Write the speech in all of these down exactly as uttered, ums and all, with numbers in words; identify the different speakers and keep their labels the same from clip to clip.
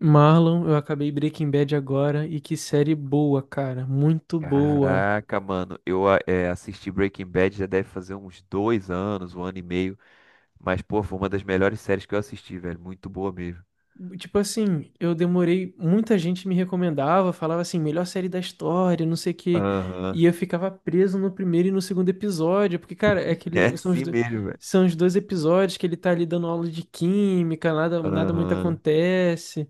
Speaker 1: Marlon, eu acabei Breaking Bad agora e que série boa, cara, muito boa.
Speaker 2: Caraca, mano, eu a- é, assisti Breaking Bad, já deve fazer uns dois anos, um ano e meio, mas pô, foi uma das melhores séries que eu assisti, velho, muito boa mesmo.
Speaker 1: Tipo assim, eu demorei, muita gente me recomendava, falava assim, melhor série da história, não sei o quê,
Speaker 2: Aham.
Speaker 1: e eu ficava preso no primeiro e no segundo episódio, porque, cara, é
Speaker 2: É
Speaker 1: aquele, são os,
Speaker 2: assim
Speaker 1: do-
Speaker 2: mesmo, velho.
Speaker 1: são os dois episódios que ele tá ali dando aula de química, nada, nada muito
Speaker 2: Aham.
Speaker 1: acontece.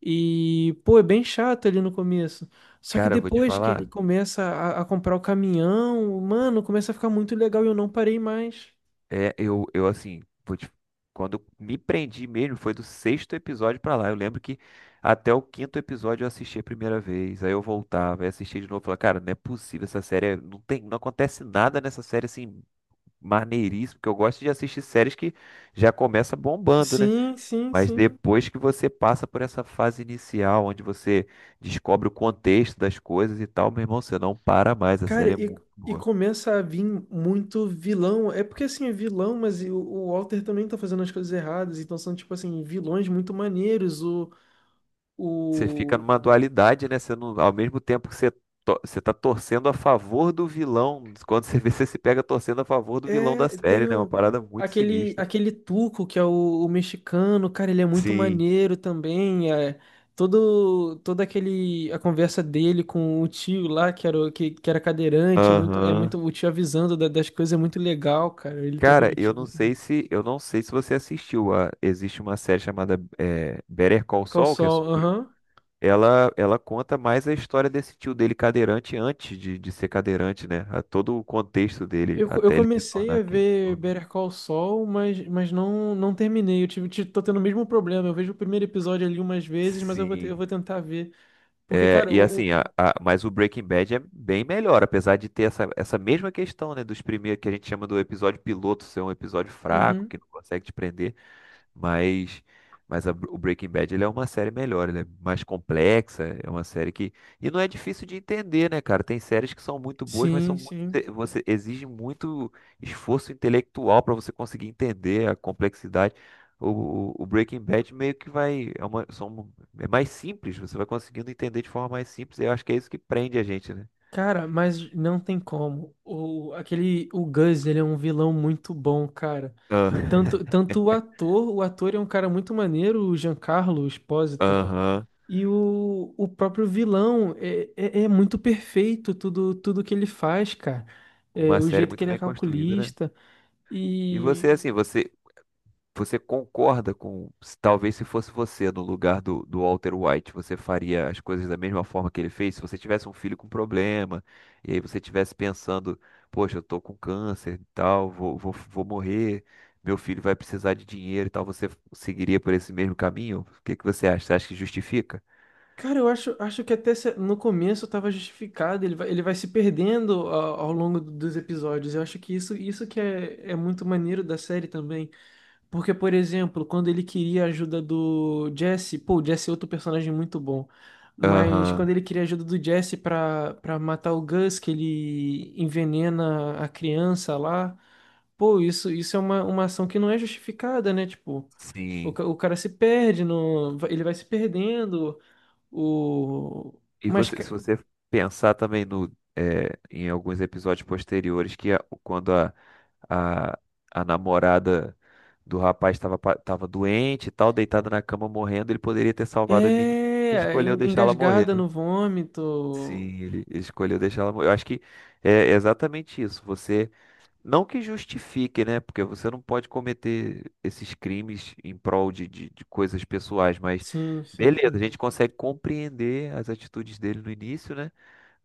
Speaker 1: E, pô, é bem chato ali no começo. Só que
Speaker 2: Cara, eu vou te
Speaker 1: depois que ele
Speaker 2: falar,
Speaker 1: começa a, a comprar o caminhão, mano, começa a ficar muito legal e eu não parei mais.
Speaker 2: é, eu, eu assim, vou te- quando eu me prendi mesmo, foi do sexto episódio pra lá. Eu lembro que até o quinto episódio eu assisti a primeira vez, aí eu voltava, aí assistia de novo, falava, cara, não é possível essa série, é- não tem, não acontece nada nessa série assim. Maneiríssimo, que eu gosto de assistir séries que já começa bombando, né?
Speaker 1: Sim, sim,
Speaker 2: Mas
Speaker 1: sim.
Speaker 2: depois que você passa por essa fase inicial, onde você descobre o contexto das coisas e tal, meu irmão, você não para mais, a
Speaker 1: Cara,
Speaker 2: série é
Speaker 1: e,
Speaker 2: muito
Speaker 1: e
Speaker 2: boa.
Speaker 1: começa a vir muito vilão. É porque, assim, é vilão, mas e o, o Walter também tá fazendo as coisas erradas. Então são, tipo assim, vilões muito maneiros. O,
Speaker 2: Você fica
Speaker 1: o,
Speaker 2: numa dualidade, né? Você não, ao mesmo tempo que você, to- você tá torcendo a favor do vilão, quando você vê, você se pega torcendo a favor do vilão da
Speaker 1: É,
Speaker 2: série,
Speaker 1: tem
Speaker 2: né? Uma
Speaker 1: o-
Speaker 2: parada muito
Speaker 1: aquele,
Speaker 2: sinistra.
Speaker 1: aquele Tuco, que é o, o mexicano, cara, ele é muito
Speaker 2: Sim.
Speaker 1: maneiro também. É, todo, todo aquele, a conversa dele com o tio lá, que era, o- que, que era cadeirante, é muito, é muito,
Speaker 2: Aham.
Speaker 1: o tio avisando da- das coisas, é muito legal, cara. Ele trocando
Speaker 2: Cara,
Speaker 1: o
Speaker 2: eu
Speaker 1: tio.
Speaker 2: não sei se eu não sei se você assistiu. A- existe uma série chamada eh, Better Call
Speaker 1: Call
Speaker 2: Saul, que é
Speaker 1: Saul,
Speaker 2: sobre.
Speaker 1: aham.
Speaker 2: Ela, ela conta mais a história desse tio dele cadeirante antes de, de ser cadeirante, né? A todo o contexto dele
Speaker 1: Eu, eu
Speaker 2: até ele se
Speaker 1: comecei
Speaker 2: tornar
Speaker 1: a
Speaker 2: quem ele se
Speaker 1: ver
Speaker 2: tornou.
Speaker 1: Better Call Saul, mas, mas não, não terminei. Eu tive, ti- tô tendo o mesmo problema. Eu vejo o primeiro episódio ali umas vezes, mas eu vou, te- eu
Speaker 2: Sim.
Speaker 1: vou tentar ver. Porque,
Speaker 2: É,
Speaker 1: cara,
Speaker 2: e
Speaker 1: o,
Speaker 2: assim,
Speaker 1: o-
Speaker 2: a- a- mas o Breaking Bad é bem melhor, apesar de ter essa, essa mesma questão, né? Dos primeiros que a gente chama do episódio piloto ser um episódio fraco,
Speaker 1: uhum.
Speaker 2: que não consegue te prender. Mas, mas a- o Breaking Bad ele é uma série melhor, ele é mais complexa, é uma série que. E não é difícil de entender, né, cara? Tem séries que são muito boas, mas são
Speaker 1: Sim, sim.
Speaker 2: muito, você exige muito esforço intelectual para você conseguir entender a complexidade. O, o- o Breaking Bad meio que vai. É, uma, são, é mais simples, você vai conseguindo entender de forma mais simples, e eu acho que é isso que prende a gente, né?
Speaker 1: Cara, mas não tem como. O, aquele, o Gus, ele é um vilão muito bom, cara.
Speaker 2: Ah.
Speaker 1: Tanto, tanto o ator, o ator é um cara muito maneiro, o Giancarlo Esposito.
Speaker 2: Aham.
Speaker 1: E o, o próprio vilão é, é, é muito perfeito tudo, tudo que ele faz, cara. É,
Speaker 2: Uma
Speaker 1: o
Speaker 2: série
Speaker 1: jeito que
Speaker 2: muito
Speaker 1: ele é
Speaker 2: bem construída, né?
Speaker 1: calculista.
Speaker 2: E
Speaker 1: E,
Speaker 2: você, assim, você, Você concorda com, se- talvez se fosse você no lugar do, do Walter White, você faria as coisas da mesma forma que ele fez? Se você tivesse um filho com problema, e aí você estivesse pensando, poxa, eu tô com câncer e tal, vou, vou, vou morrer, meu filho vai precisar de dinheiro e tal, você seguiria por esse mesmo caminho? O que que você acha? Você acha que justifica?
Speaker 1: cara, eu acho, acho que até se- no começo tava justificado. Ele vai, ele vai se perdendo ao, ao longo dos episódios. Eu acho que isso, isso que é, é muito maneiro da série também. Porque, por exemplo, quando ele queria a ajuda do Jesse, pô, o Jesse é outro personagem muito bom. Mas quando
Speaker 2: Aham,
Speaker 1: ele queria a ajuda do Jesse pra, pra matar o Gus, que ele envenena a criança lá, pô, isso, isso é uma, uma ação que não é justificada, né? Tipo, o,
Speaker 2: sim.
Speaker 1: ca- o cara se perde, no, ele vai se perdendo, o.
Speaker 2: E
Speaker 1: Mas
Speaker 2: você,
Speaker 1: ca-
Speaker 2: se você pensar também no, eh, em alguns episódios posteriores, que a- quando a, a, a namorada do rapaz estava pa- tava doente e tal, deitada na cama morrendo, ele poderia ter salvado a menina.
Speaker 1: é
Speaker 2: Escolheu
Speaker 1: en-
Speaker 2: deixá-la morrer,
Speaker 1: engasgada
Speaker 2: né?
Speaker 1: no
Speaker 2: Sim,
Speaker 1: vômito.
Speaker 2: ele ele escolheu deixar ela morrer. Eu acho que é exatamente isso. Você não que justifique, né? Porque você não pode cometer esses crimes em prol de, de, de coisas pessoais, mas
Speaker 1: Sim, sim,
Speaker 2: beleza, a
Speaker 1: sim.
Speaker 2: gente consegue compreender as atitudes dele no início, né?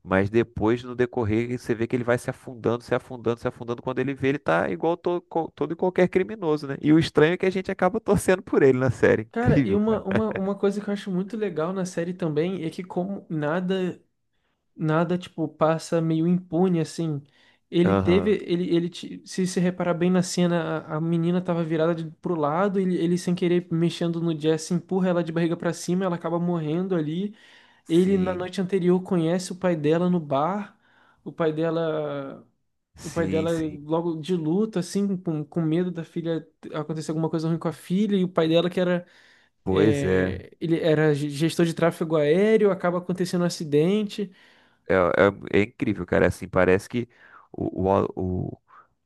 Speaker 2: Mas depois, no decorrer, você vê que ele vai se afundando, se afundando, se afundando. Quando ele vê, ele tá igual to, co- todo e qualquer criminoso, né? E o estranho é que a gente acaba torcendo por ele na série.
Speaker 1: Cara, e
Speaker 2: Incrível.
Speaker 1: uma, uma, uma coisa que eu acho muito legal na série também é que como nada, nada, tipo, passa meio impune, assim. Ele teve,
Speaker 2: Aham.
Speaker 1: ele, ele, ti- se se reparar bem na cena, a, a menina tava virada de, pro lado, ele, ele sem querer mexendo no Jesse, empurra ela de barriga pra cima, ela acaba morrendo ali. Ele, na
Speaker 2: Sim,
Speaker 1: noite anterior, conhece o pai dela no bar, o pai dela... O pai
Speaker 2: sim,
Speaker 1: dela
Speaker 2: sim.
Speaker 1: logo de luto, assim, com, com medo da filha acontecer alguma coisa ruim com a filha, e o pai dela que era
Speaker 2: Pois é.
Speaker 1: é, ele era ge- gestor de tráfego aéreo, acaba acontecendo um acidente.
Speaker 2: É, é, é incrível, cara. É, assim, parece que o, o, o,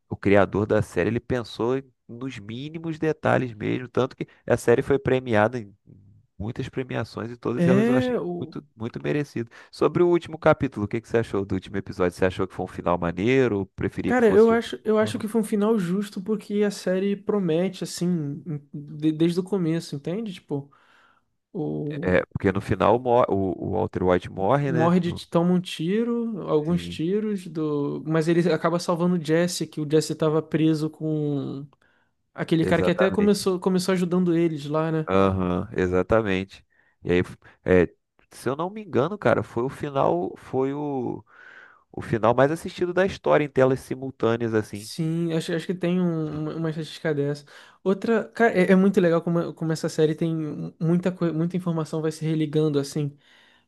Speaker 2: o criador da série ele pensou em- nos mínimos detalhes mesmo. Tanto que a série foi premiada em muitas premiações e todas elas eu
Speaker 1: É,
Speaker 2: achei
Speaker 1: o,
Speaker 2: muito, muito merecido. Sobre o último capítulo, o que que você achou do último episódio? Você achou que foi um final maneiro ou preferia que
Speaker 1: cara,
Speaker 2: fosse
Speaker 1: eu
Speaker 2: de outra
Speaker 1: acho, eu acho
Speaker 2: forma?
Speaker 1: que foi um final justo porque a série promete, assim, em- de- desde o começo, entende? Tipo, o,
Speaker 2: É, porque no final mo- o, o Walter White morre, né?
Speaker 1: morre de,
Speaker 2: No-
Speaker 1: toma um tiro, alguns
Speaker 2: Sim,
Speaker 1: tiros, do, mas ele acaba salvando o Jesse, que o Jesse estava preso com aquele cara que até
Speaker 2: exatamente.
Speaker 1: começou, começou ajudando eles lá, né?
Speaker 2: Aham, exatamente. E aí, é, se eu não me engano, cara, foi o final, foi o, o final mais assistido da história em telas simultâneas, assim.
Speaker 1: Sim, acho, acho que tem um-
Speaker 2: De-
Speaker 1: uma, uma estatística dessa. Outra, cara, é, é muito legal como, como essa série tem mu- muita coisa, muita informação vai se religando assim.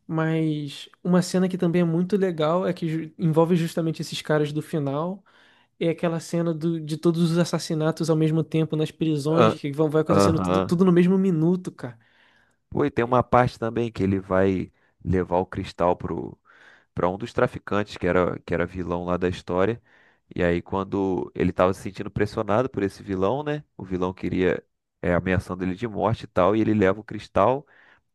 Speaker 1: Mas uma cena que também é muito legal é que ju- envolve justamente esses caras do final. É aquela cena do, de todos os assassinatos ao mesmo tempo nas prisões,
Speaker 2: Ah.
Speaker 1: que vão, vai acontecendo tudo,
Speaker 2: Aham.
Speaker 1: tudo no mesmo minuto, cara.
Speaker 2: Pô, e tem uma parte também que ele vai levar o cristal pro, pra um dos traficantes, que era, que era vilão lá da história. E aí, quando ele tava se sentindo pressionado por esse vilão, né? O vilão queria, é, ameaçando ele de morte e tal, e ele leva o cristal.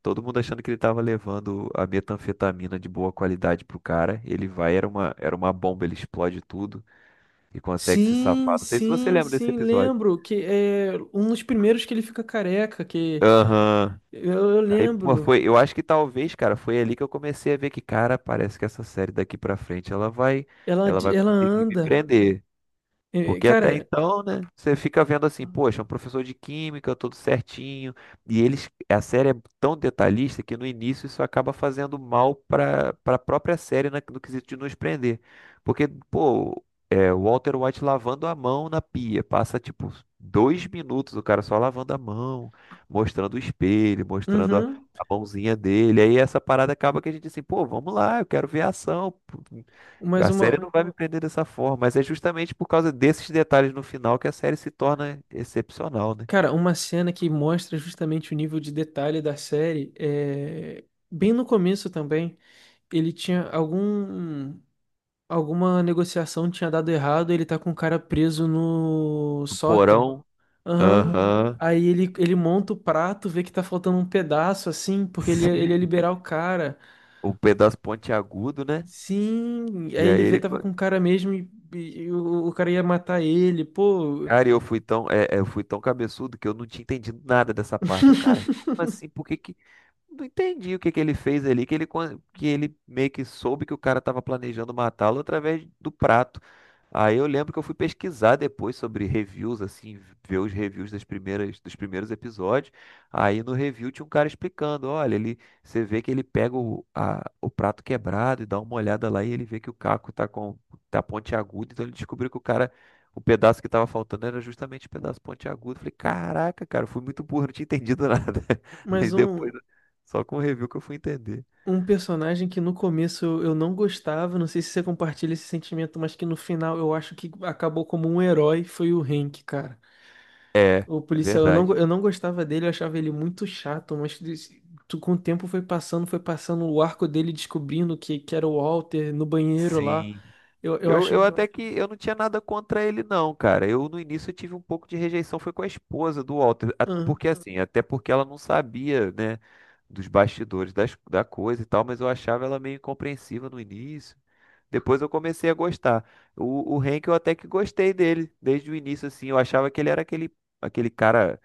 Speaker 2: Todo mundo achando que ele tava levando a metanfetamina de boa qualidade pro cara. Ele vai, era uma, era uma bomba, ele explode tudo e consegue se
Speaker 1: Sim,
Speaker 2: safar. Não sei se você
Speaker 1: sim,
Speaker 2: lembra desse
Speaker 1: sim,
Speaker 2: episódio.
Speaker 1: lembro que é um dos primeiros que ele fica careca, que
Speaker 2: Aham.
Speaker 1: eu eu
Speaker 2: Aí, pô,
Speaker 1: lembro.
Speaker 2: foi. Eu acho que talvez, cara, foi ali que eu comecei a ver que, cara, parece que essa série daqui pra frente ela vai,
Speaker 1: Ela,
Speaker 2: ela
Speaker 1: de-
Speaker 2: vai
Speaker 1: ela
Speaker 2: conseguir me
Speaker 1: anda.
Speaker 2: prender.
Speaker 1: É,
Speaker 2: Porque até
Speaker 1: cara,
Speaker 2: então, né, você fica vendo assim, poxa, é um professor de química, tudo certinho, e eles, a série é tão detalhista que no início isso acaba fazendo mal para para a própria série na- no quesito de nos prender. Porque, pô, é, o Walter White lavando a mão na pia, passa tipo dois minutos o cara só lavando a mão, mostrando o espelho, mostrando a,
Speaker 1: uhum,
Speaker 2: a mãozinha dele, aí essa parada acaba que a gente assim, pô, vamos lá, eu quero ver a ação,
Speaker 1: mas
Speaker 2: a
Speaker 1: uma,
Speaker 2: série não vai me prender dessa forma, mas é justamente por causa desses detalhes no final que a série se torna excepcional, né?
Speaker 1: cara, uma cena que mostra justamente o nível de detalhe da série é bem no começo também, ele tinha algum alguma negociação tinha dado errado, ele tá com o cara preso no
Speaker 2: O
Speaker 1: sótão.
Speaker 2: porão,
Speaker 1: Aham.
Speaker 2: aham.
Speaker 1: Aí ele, ele monta o prato, vê que tá faltando um pedaço assim, porque ele ia, ele ia liberar o cara.
Speaker 2: O pedaço pontiagudo, né?
Speaker 1: Sim, aí
Speaker 2: E
Speaker 1: ele
Speaker 2: aí
Speaker 1: vê
Speaker 2: ele,
Speaker 1: tava com o cara mesmo e, e o, o cara ia matar ele. Pô,
Speaker 2: cara, eu fui tão, é, é, eu fui tão cabeçudo que eu não tinha entendido nada dessa parte. Eu, cara, como assim? Por que que não entendi o que que ele fez ali, que ele con- que ele meio que soube que o cara tava planejando matá-lo através do prato. Aí eu lembro que eu fui pesquisar depois sobre reviews, assim, ver os reviews das primeiras, dos primeiros episódios. Aí no review tinha um cara explicando, olha, ele, você vê que ele pega o, a- o prato quebrado e dá uma olhada lá e ele vê que o caco tá com tá pontiagudo, então ele descobriu que o cara, o pedaço que tava faltando era justamente o pedaço pontiagudo. Falei, caraca, cara, eu fui muito burro, não tinha entendido nada. Aí
Speaker 1: mais
Speaker 2: depois,
Speaker 1: um.
Speaker 2: só com o review que eu fui entender.
Speaker 1: Um personagem que no começo eu eu não gostava, não sei se você compartilha esse sentimento, mas que no final eu acho que acabou como um herói, foi o Hank, cara.
Speaker 2: É, é
Speaker 1: O policial, eu não, go-
Speaker 2: verdade.
Speaker 1: eu não gostava dele, eu achava ele muito chato, mas des- tu- com o tempo foi passando, foi passando o arco dele descobrindo que, que era o Walter no banheiro lá.
Speaker 2: Sim.
Speaker 1: Eu, eu
Speaker 2: Eu,
Speaker 1: acho
Speaker 2: eu até que eu não tinha nada contra ele não, cara. Eu no início eu tive um pouco de rejeição, foi com a esposa do Walter, a-
Speaker 1: ah,
Speaker 2: porque assim, até porque ela não sabia, né, dos bastidores das, da coisa e tal, mas eu achava ela meio incompreensiva no início. Depois eu comecei a gostar. O, o Hank eu até que gostei dele desde o início, assim, eu achava que ele era aquele aquele cara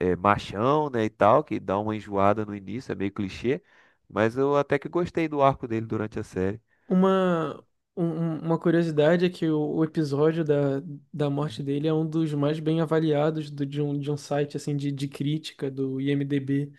Speaker 2: é, machão, né, e tal, que dá uma enjoada no início, é meio clichê, mas eu até que gostei do arco dele durante a série.
Speaker 1: uma, um- um- uma curiosidade é que o, o episódio da, da morte dele é um dos mais bem avaliados do, de, um, de um site assim de, de crítica do I M D B.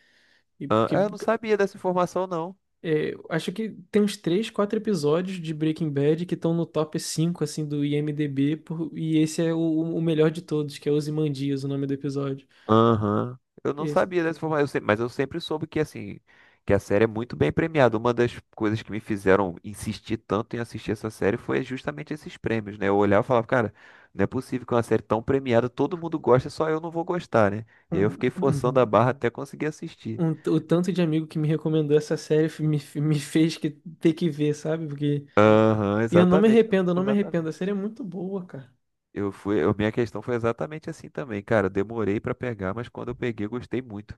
Speaker 1: E
Speaker 2: Ah,
Speaker 1: porque
Speaker 2: eu não sabia dessa informação não.
Speaker 1: é, acho que tem uns três, quatro episódios de Breaking Bad que estão no top cinco assim do I M D B, por- e esse é o, o melhor de todos, que é Ozymandias, o nome do episódio.
Speaker 2: Aham. Eu não
Speaker 1: Esse-
Speaker 2: sabia dessa forma, eu se- mas eu sempre soube que assim, que a série é muito bem premiada. Uma das coisas que me fizeram insistir tanto em assistir essa série foi justamente esses prêmios, né? Eu olhava e falava, cara, não é possível que uma série tão premiada, todo mundo gosta, só eu não vou gostar, né? E aí eu
Speaker 1: um-
Speaker 2: fiquei forçando a
Speaker 1: uhum.
Speaker 2: barra até conseguir assistir.
Speaker 1: Um- o tanto de amigo que me recomendou essa série fe- me, fe- me fez que, ter que ver, sabe? Porque
Speaker 2: Aham,
Speaker 1: e eu não me
Speaker 2: exatamente,
Speaker 1: arrependo, eu não me arrependo, a
Speaker 2: exatamente.
Speaker 1: série é muito boa, cara.
Speaker 2: Eu fui, eu- minha questão foi exatamente assim também, cara. Eu demorei pra pegar, mas quando eu peguei, eu gostei muito.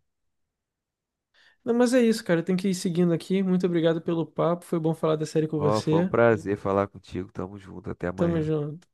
Speaker 1: Não, mas é isso, cara, eu tenho que ir seguindo aqui. Muito obrigado pelo papo, foi bom falar da série com
Speaker 2: Ó, foi um
Speaker 1: você.
Speaker 2: prazer falar contigo. Tamo junto, até
Speaker 1: Tamo
Speaker 2: amanhã.
Speaker 1: junto.